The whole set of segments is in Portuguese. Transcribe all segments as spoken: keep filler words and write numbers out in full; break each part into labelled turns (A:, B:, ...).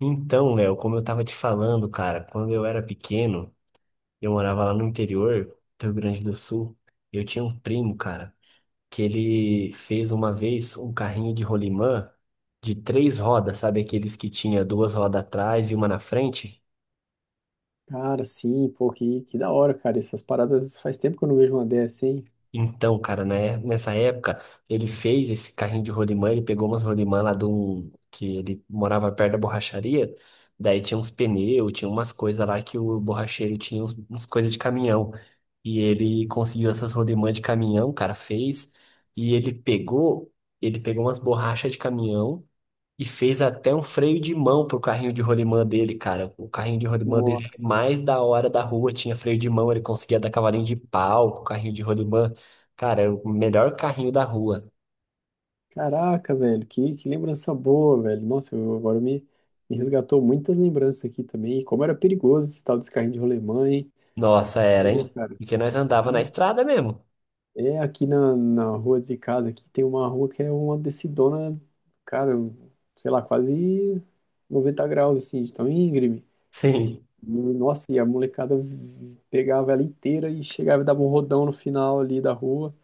A: Então, Léo, como eu tava te falando, cara, quando eu era pequeno, eu morava lá no interior do Rio Grande do Sul. Eu tinha um primo, cara, que ele fez uma vez um carrinho de rolimã de três rodas, sabe? Aqueles que tinha duas rodas atrás e uma na frente.
B: Cara, sim, pô, que, que da hora, cara. Essas paradas faz tempo que eu não vejo uma dessa, hein?
A: Então, cara, né, nessa época, ele fez esse carrinho de rolimã, ele pegou umas rolimã lá do... que ele morava perto da borracharia, daí tinha uns pneus, tinha umas coisas lá que o borracheiro tinha uns, uns coisas de caminhão. E ele conseguiu essas rolimã de caminhão, cara, fez, e ele pegou, ele pegou umas borrachas de caminhão, e fez até um freio de mão pro carrinho de rolimã dele, cara. O carrinho de rolimã dele era
B: Nossa.
A: mais da hora da rua, tinha freio de mão, ele conseguia dar cavalinho de pau com o carrinho de rolimã. Cara, era o melhor carrinho da rua.
B: Caraca, velho, que, que lembrança boa, velho. Nossa, eu, agora me, me resgatou muitas lembranças aqui também. E Como era perigoso esse tal desse carrinho de rolemã, hein?
A: Nossa, era,
B: Pô,
A: hein?
B: cara,
A: Porque nós andava na
B: sim.
A: estrada mesmo.
B: É aqui na, na rua de casa, aqui tem uma rua que é uma descidona, cara, sei lá, quase noventa graus, assim, de tão íngreme.
A: Sim.
B: E, nossa, e a molecada vi- pegava ela inteira e chegava e dava um rodão no final ali da rua.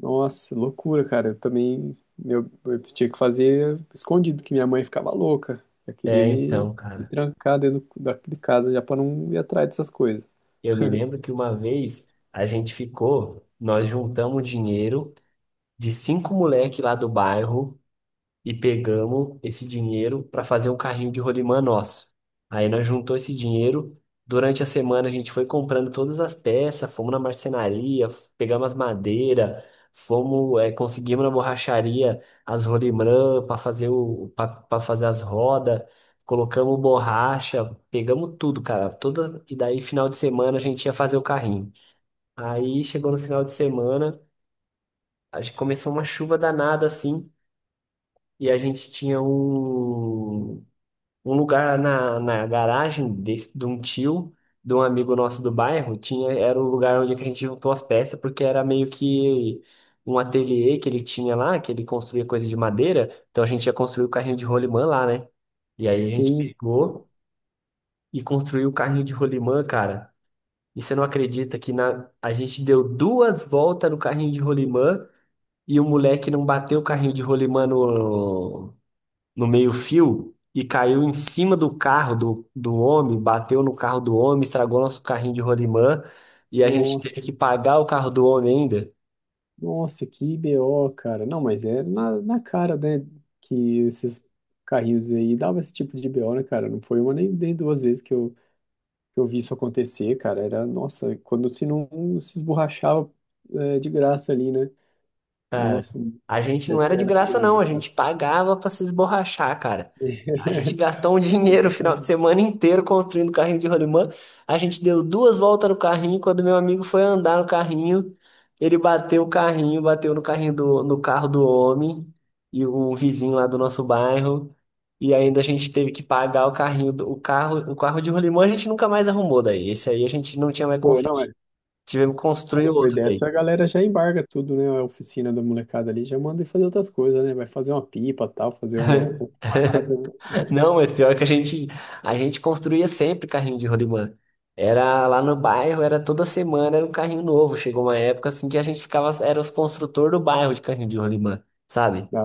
B: Nossa, loucura, cara. Eu também, meu, eu tinha que fazer escondido, que minha mãe ficava louca. Já queria
A: É,
B: me,
A: então,
B: me
A: cara.
B: trancar dentro da, de casa já para não ir atrás dessas coisas.
A: Eu me lembro que uma vez a gente ficou, nós juntamos dinheiro de cinco moleque lá do bairro. E pegamos esse dinheiro para fazer um carrinho de rolimã nosso. Aí nós juntou esse dinheiro. Durante a semana a gente foi comprando todas as peças, fomos na marcenaria, f- pegamos as madeiras, fomos, eh, conseguimos na borracharia as rolimã para fazer o para fazer as rodas, colocamos borracha, pegamos tudo, cara. Toda, e daí final de semana a gente ia fazer o carrinho. Aí chegou no final de semana, a gente começou uma chuva danada assim. E a gente tinha um, um lugar na, na garagem de, de um tio, de um amigo nosso do bairro, tinha, era o lugar onde que a gente juntou as peças, porque era meio que um ateliê que ele tinha lá, que ele construía coisa de madeira, então a gente ia construir o carrinho de rolimã lá, né? E aí a gente
B: Sim, pô.
A: pegou e construiu o carrinho de rolimã, cara. E você não acredita que na, a gente deu duas voltas no carrinho de rolimã e o moleque não bateu o carrinho de rolimã no, no meio-fio e caiu em cima do carro do, do homem, bateu no carro do homem, estragou nosso carrinho de rolimã e a gente teve
B: Nossa,
A: que pagar o carro do homem ainda.
B: nossa, que B O, cara. Não, mas é na, na cara, né? Que esses carrinhos aí dava esse tipo de B O, né, cara? Não foi uma nem, nem duas vezes que eu, que eu vi isso acontecer, cara. Era, nossa, quando se não se esborrachava, é, de graça ali, né?
A: Cara,
B: Nossa,
A: a gente não
B: era,
A: era de
B: era
A: graça, não.
B: terrível.
A: A gente pagava pra se esborrachar, cara. A gente gastou um dinheiro o final de
B: Exatamente.
A: semana inteiro construindo carrinho de rolimã. A gente deu duas voltas no carrinho. Quando meu amigo foi andar no carrinho, ele bateu o carrinho, bateu no carrinho do, no carro do homem e o vizinho lá do nosso bairro. E ainda a gente teve que pagar o carrinho, do, o carro, o carro de rolimã a gente nunca mais arrumou daí. Esse aí a gente não tinha mais
B: Pô,
A: conseguido.
B: não é.
A: Tivemos que
B: Não,
A: construir
B: depois
A: outro
B: dessa
A: daí.
B: a galera já embarga tudo, né? A oficina da molecada ali já manda ir fazer outras coisas, né? Vai fazer uma pipa, tal, fazer uma, uma parada, né?
A: Não, mas pior que a gente, a gente construía sempre carrinho de rolimã. Era lá no bairro, era toda semana, era um carrinho novo. Chegou uma época assim que a gente ficava, era os construtores do bairro de carrinho de rolimã, sabe?
B: Da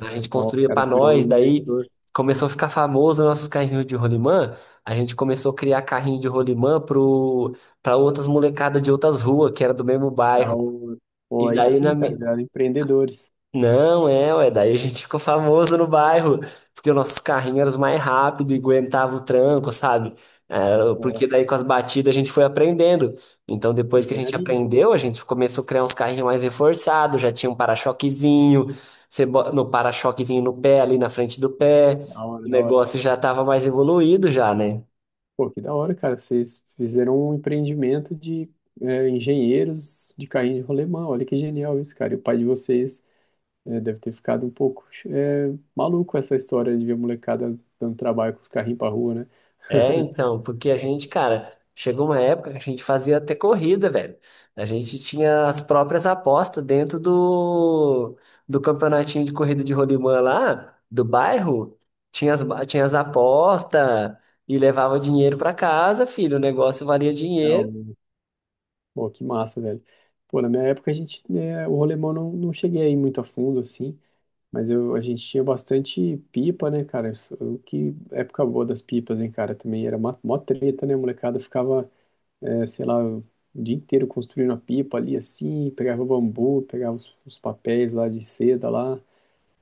A: A gente
B: Ó, os
A: construía pra
B: caras virou um
A: nós, daí
B: inventor.
A: começou a ficar famoso nossos carrinhos de rolimã. A gente começou a criar carrinho de rolimã pro, pra outras molecadas de outras ruas, que era do mesmo
B: Da
A: bairro.
B: hora. Pô,
A: E
B: aí
A: daí
B: sim,
A: na,
B: cara,
A: mi-
B: viraram empreendedores.
A: não, é, ué, daí a gente ficou famoso no bairro, porque os nossos carrinhos eram os mais rápidos e aguentava o tranco, sabe? É,
B: Ó,
A: porque daí com as batidas a gente foi aprendendo. Então depois que a gente
B: engenharia.
A: aprendeu, a gente começou a criar uns carrinhos mais reforçados, já tinha um para-choquezinho, você bo- no para-choquezinho no pé, ali na frente do pé,
B: Da
A: o
B: hora, da hora.
A: negócio já estava mais evoluído já, né?
B: Pô, que da hora, cara. Vocês fizeram um empreendimento de é, engenheiros de carrinho de rolemã. Olha que genial isso, cara. E o pai de vocês. É, deve ter ficado um pouco é, maluco, essa história de ver a molecada dando trabalho com os carrinhos pra rua, né?
A: É, então, porque a gente, cara, chegou uma época que a gente fazia até corrida, velho. A gente tinha as próprias apostas dentro do, do campeonatinho de corrida de rolimã lá, do bairro. Tinha as, ba- tinha as apostas e levava dinheiro pra casa, filho. O negócio valia
B: Ah, o-
A: dinheiro.
B: Pô, que massa, velho. Pô, na minha época a gente, né, o rolemão não, não cheguei aí muito a fundo, assim, mas eu, a gente tinha bastante pipa, né, cara? Isso- o que época boa das pipas, hein, cara? Também era mó, mó treta, né? A molecada ficava, é, sei lá, o dia inteiro construindo a pipa ali, assim, pegava bambu, pegava os, os papéis lá de seda lá.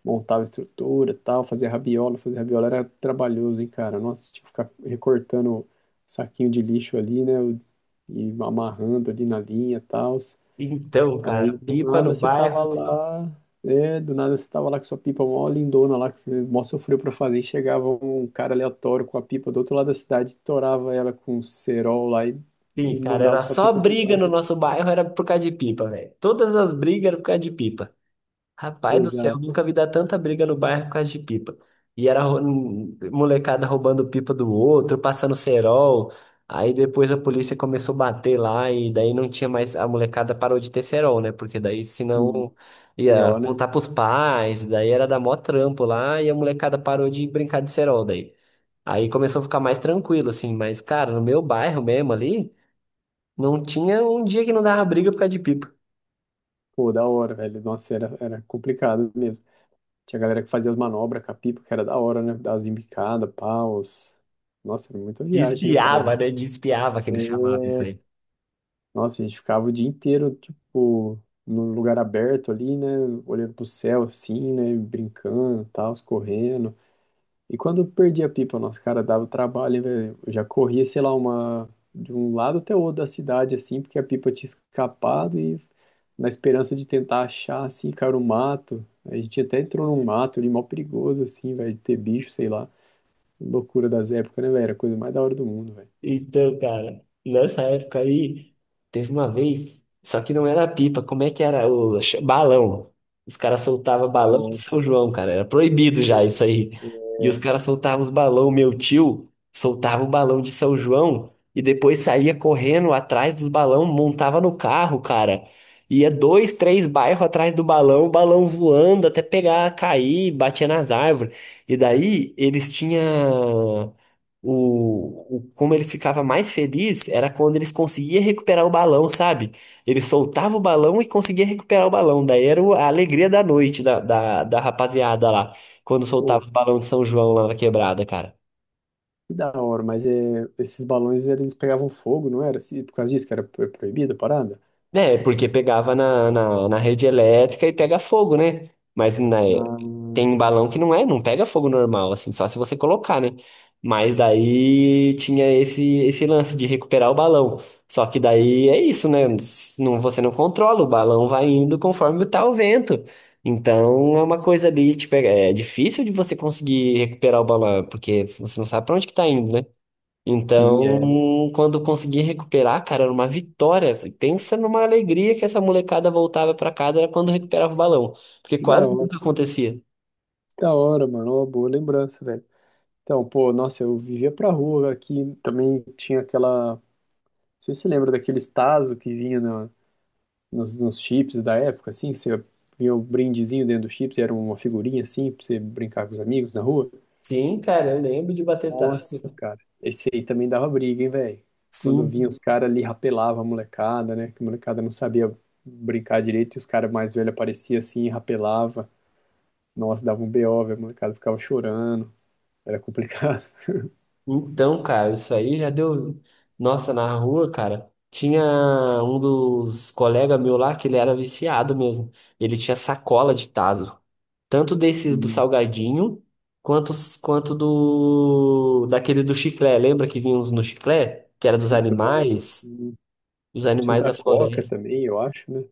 B: Montava estrutura, tal, fazia rabiola, fazer rabiola era trabalhoso, hein, cara? Nossa, tinha que ficar recortando saquinho de lixo ali, né, e amarrando ali na linha, tal.
A: Então, cara,
B: Aí do
A: pipa no
B: nada você tava
A: bairro.
B: lá, é, do nada você tava lá com sua pipa mó lindona lá, que você, né, mó sofreu pra fazer, e chegava um cara aleatório com a pipa do outro lado da cidade, torava ela com um cerol lá e,
A: Sim,
B: e
A: cara,
B: mandava
A: era
B: sua
A: só
B: pipa pro
A: briga
B: ar.
A: no nosso bairro, era por causa de pipa, velho. Todas as brigas eram por causa de pipa. Rapaz do céu,
B: Exato.
A: nunca vi dar tanta briga no bairro por causa de pipa. E era rou- molecada roubando pipa do outro, passando cerol. Aí depois a polícia começou a bater lá e daí não tinha mais. A molecada parou de ter cerol, né? Porque daí
B: E,
A: senão
B: e
A: ia
B: ó, né?
A: apontar pros pais, daí era dar mó trampo lá e a molecada parou de brincar de cerol daí. Aí começou a ficar mais tranquilo, assim. Mas, cara, no meu bairro mesmo ali, não tinha um dia que não dava briga por causa de pipa.
B: Pô, da hora, velho. Nossa, era, era complicado mesmo. Tinha galera que fazia as manobras com a pipa, que era da hora, né? Das embicadas, paus. Nossa, era muita viagem, né, cara? A
A: Despiava,
B: gente-
A: né? Despiava que eles chamavam
B: é,
A: isso aí.
B: Nossa, a gente ficava o dia inteiro, tipo, num lugar aberto ali, né? Olhando pro céu, assim, né? Brincando, tal, correndo. E quando eu perdi a pipa, nosso, cara, dava trabalho, hein, velho. Eu já corria, sei lá, uma de um lado até o outro da cidade, assim, porque a pipa tinha escapado e, na esperança de tentar achar, assim, cara, o mato. A gente até entrou num mato ali, mó perigoso, assim, velho, de ter bicho, sei lá. Loucura das épocas, né, velho? Era a coisa mais da hora do mundo, velho.
A: Então, cara, nessa época aí, teve uma vez, só que não era pipa, como é que era? O ch- balão. Os caras soltavam balão de
B: Bom,
A: São João, cara, era
B: não
A: proibido já
B: sei.
A: isso aí. E os caras soltavam os balão, meu tio soltava o balão de São João e depois saía correndo atrás dos balão, montava no carro, cara. Ia dois, três bairros atrás do balão, o balão voando até pegar, cair, batia nas árvores. E daí eles tinham. O, o- como ele ficava mais feliz era quando eles conseguiam recuperar o balão, sabe? Ele soltava o balão e conseguia recuperar o balão. Daí era o- a alegria da noite da, da, da rapaziada lá, quando
B: Pô,
A: soltava os balões de São João lá na quebrada, cara.
B: que da hora, mas é, esses balões eles pegavam fogo, não era? Se- Por causa disso que era pro- proibida a parada?
A: É, porque pegava na, na, na rede elétrica e pega fogo, né? Mas na,
B: Ah,
A: tem balão que não é, não pega fogo normal, assim, só se você colocar, né? Mas daí tinha esse, esse lance de recuperar o balão. Só que daí é isso, né? Não, você não controla, o balão vai indo conforme tá o vento. Então é uma coisa ali, tipo, é é difícil de você conseguir recuperar o balão, porque você não sabe pra onde que tá indo, né?
B: sim, é.
A: Então, quando eu consegui recuperar, cara, era uma vitória. Pensa numa alegria que essa molecada voltava pra casa era quando recuperava o balão, porque
B: Que da
A: quase
B: hora.
A: nunca acontecia.
B: Da hora, mano. Uma boa lembrança, velho. Então, pô, nossa, eu vivia pra rua aqui. Também tinha aquela. Não sei se você lembra daqueles Tazo que vinha na- nos, nos chips da época, assim? Você vinha o brindezinho dentro do chips e era uma figurinha assim pra você brincar com os amigos na rua.
A: Sim, cara, eu lembro de bater tarde.
B: Nossa, cara. Esse aí também dava briga, hein, velho? Quando vinha
A: Sim.
B: os caras ali, rapelava a molecada, né? Que a molecada não sabia brincar direito e os caras mais velhos apareciam assim e rapelava. Nossa, dava um B O, velho. A molecada ficava chorando. Era complicado.
A: Então, cara, isso aí já deu. Nossa, na rua, cara, tinha um dos colegas meu lá que ele era viciado mesmo. Ele tinha sacola de tazo. Tanto desses do salgadinho, quanto, os- quanto do daqueles do chiclé. Lembra que vinha uns no chiclé? Que era dos
B: Chiclete.
A: animais, os
B: Tinha os
A: animais
B: da
A: da
B: Coca
A: floresta.
B: também, eu acho, né?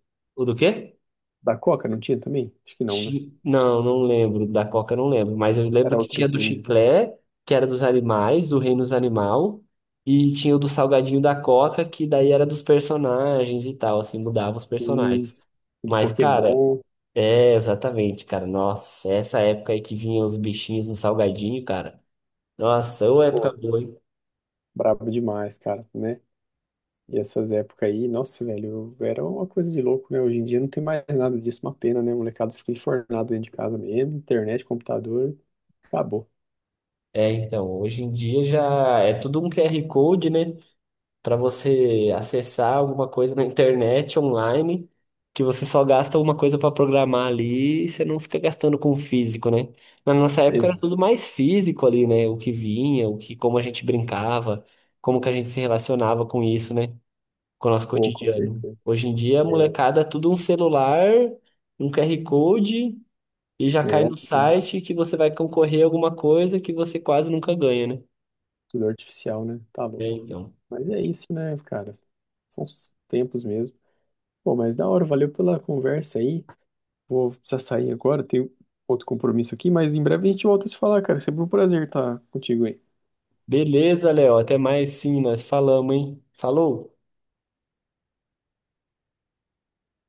A: O do quê?
B: Da Coca não tinha também? Acho que não, né?
A: Chi- Não, não lembro. Da Coca eu não lembro. Mas eu lembro
B: Era
A: que
B: outros
A: tinha do
B: brindes, né?
A: chiclé, que era dos animais, do reino dos animal. E tinha o do salgadinho da Coca, que daí era dos personagens e tal, assim, mudava os personagens.
B: Isso. Do
A: Mas, cara,
B: Pokémon.
A: é exatamente, cara. Nossa, essa época aí que vinha os bichinhos no salgadinho, cara. Nossa, ô época
B: Pô,
A: boa, hein?
B: brabo demais, cara, né? E essas épocas aí, nossa, velho, eu- era uma coisa de louco, né? Hoje em dia não tem mais nada disso, uma pena, né? Molecada fica enfornado dentro de casa mesmo, internet, computador, acabou.
A: É, então, hoje em dia já é tudo um Q R Code, né? Para você acessar alguma coisa na internet, online, que você só gasta uma coisa para programar ali e você não fica gastando com o físico, né? Na nossa época era
B: Exato.
A: tudo mais físico ali, né? O que vinha, o que, como a gente brincava, como que a gente se relacionava com isso, né? Com o nosso
B: Pô, com
A: cotidiano.
B: certeza.
A: Hoje em dia, a
B: É,
A: molecada, é tudo um celular, um Q R Code. E já cai
B: é
A: no
B: tudo,
A: site que você vai concorrer a alguma coisa que você quase nunca ganha, né?
B: tudo artificial, né? Tá
A: É,
B: louco.
A: então.
B: Mas é isso, né, cara? São os tempos mesmo. Pô, mas da hora, valeu pela conversa aí. Vou precisar sair agora, tenho outro compromisso aqui, mas em breve a gente volta a se falar, cara. É, sempre um prazer estar contigo aí.
A: Beleza, Léo. Até mais sim, nós falamos, hein? Falou!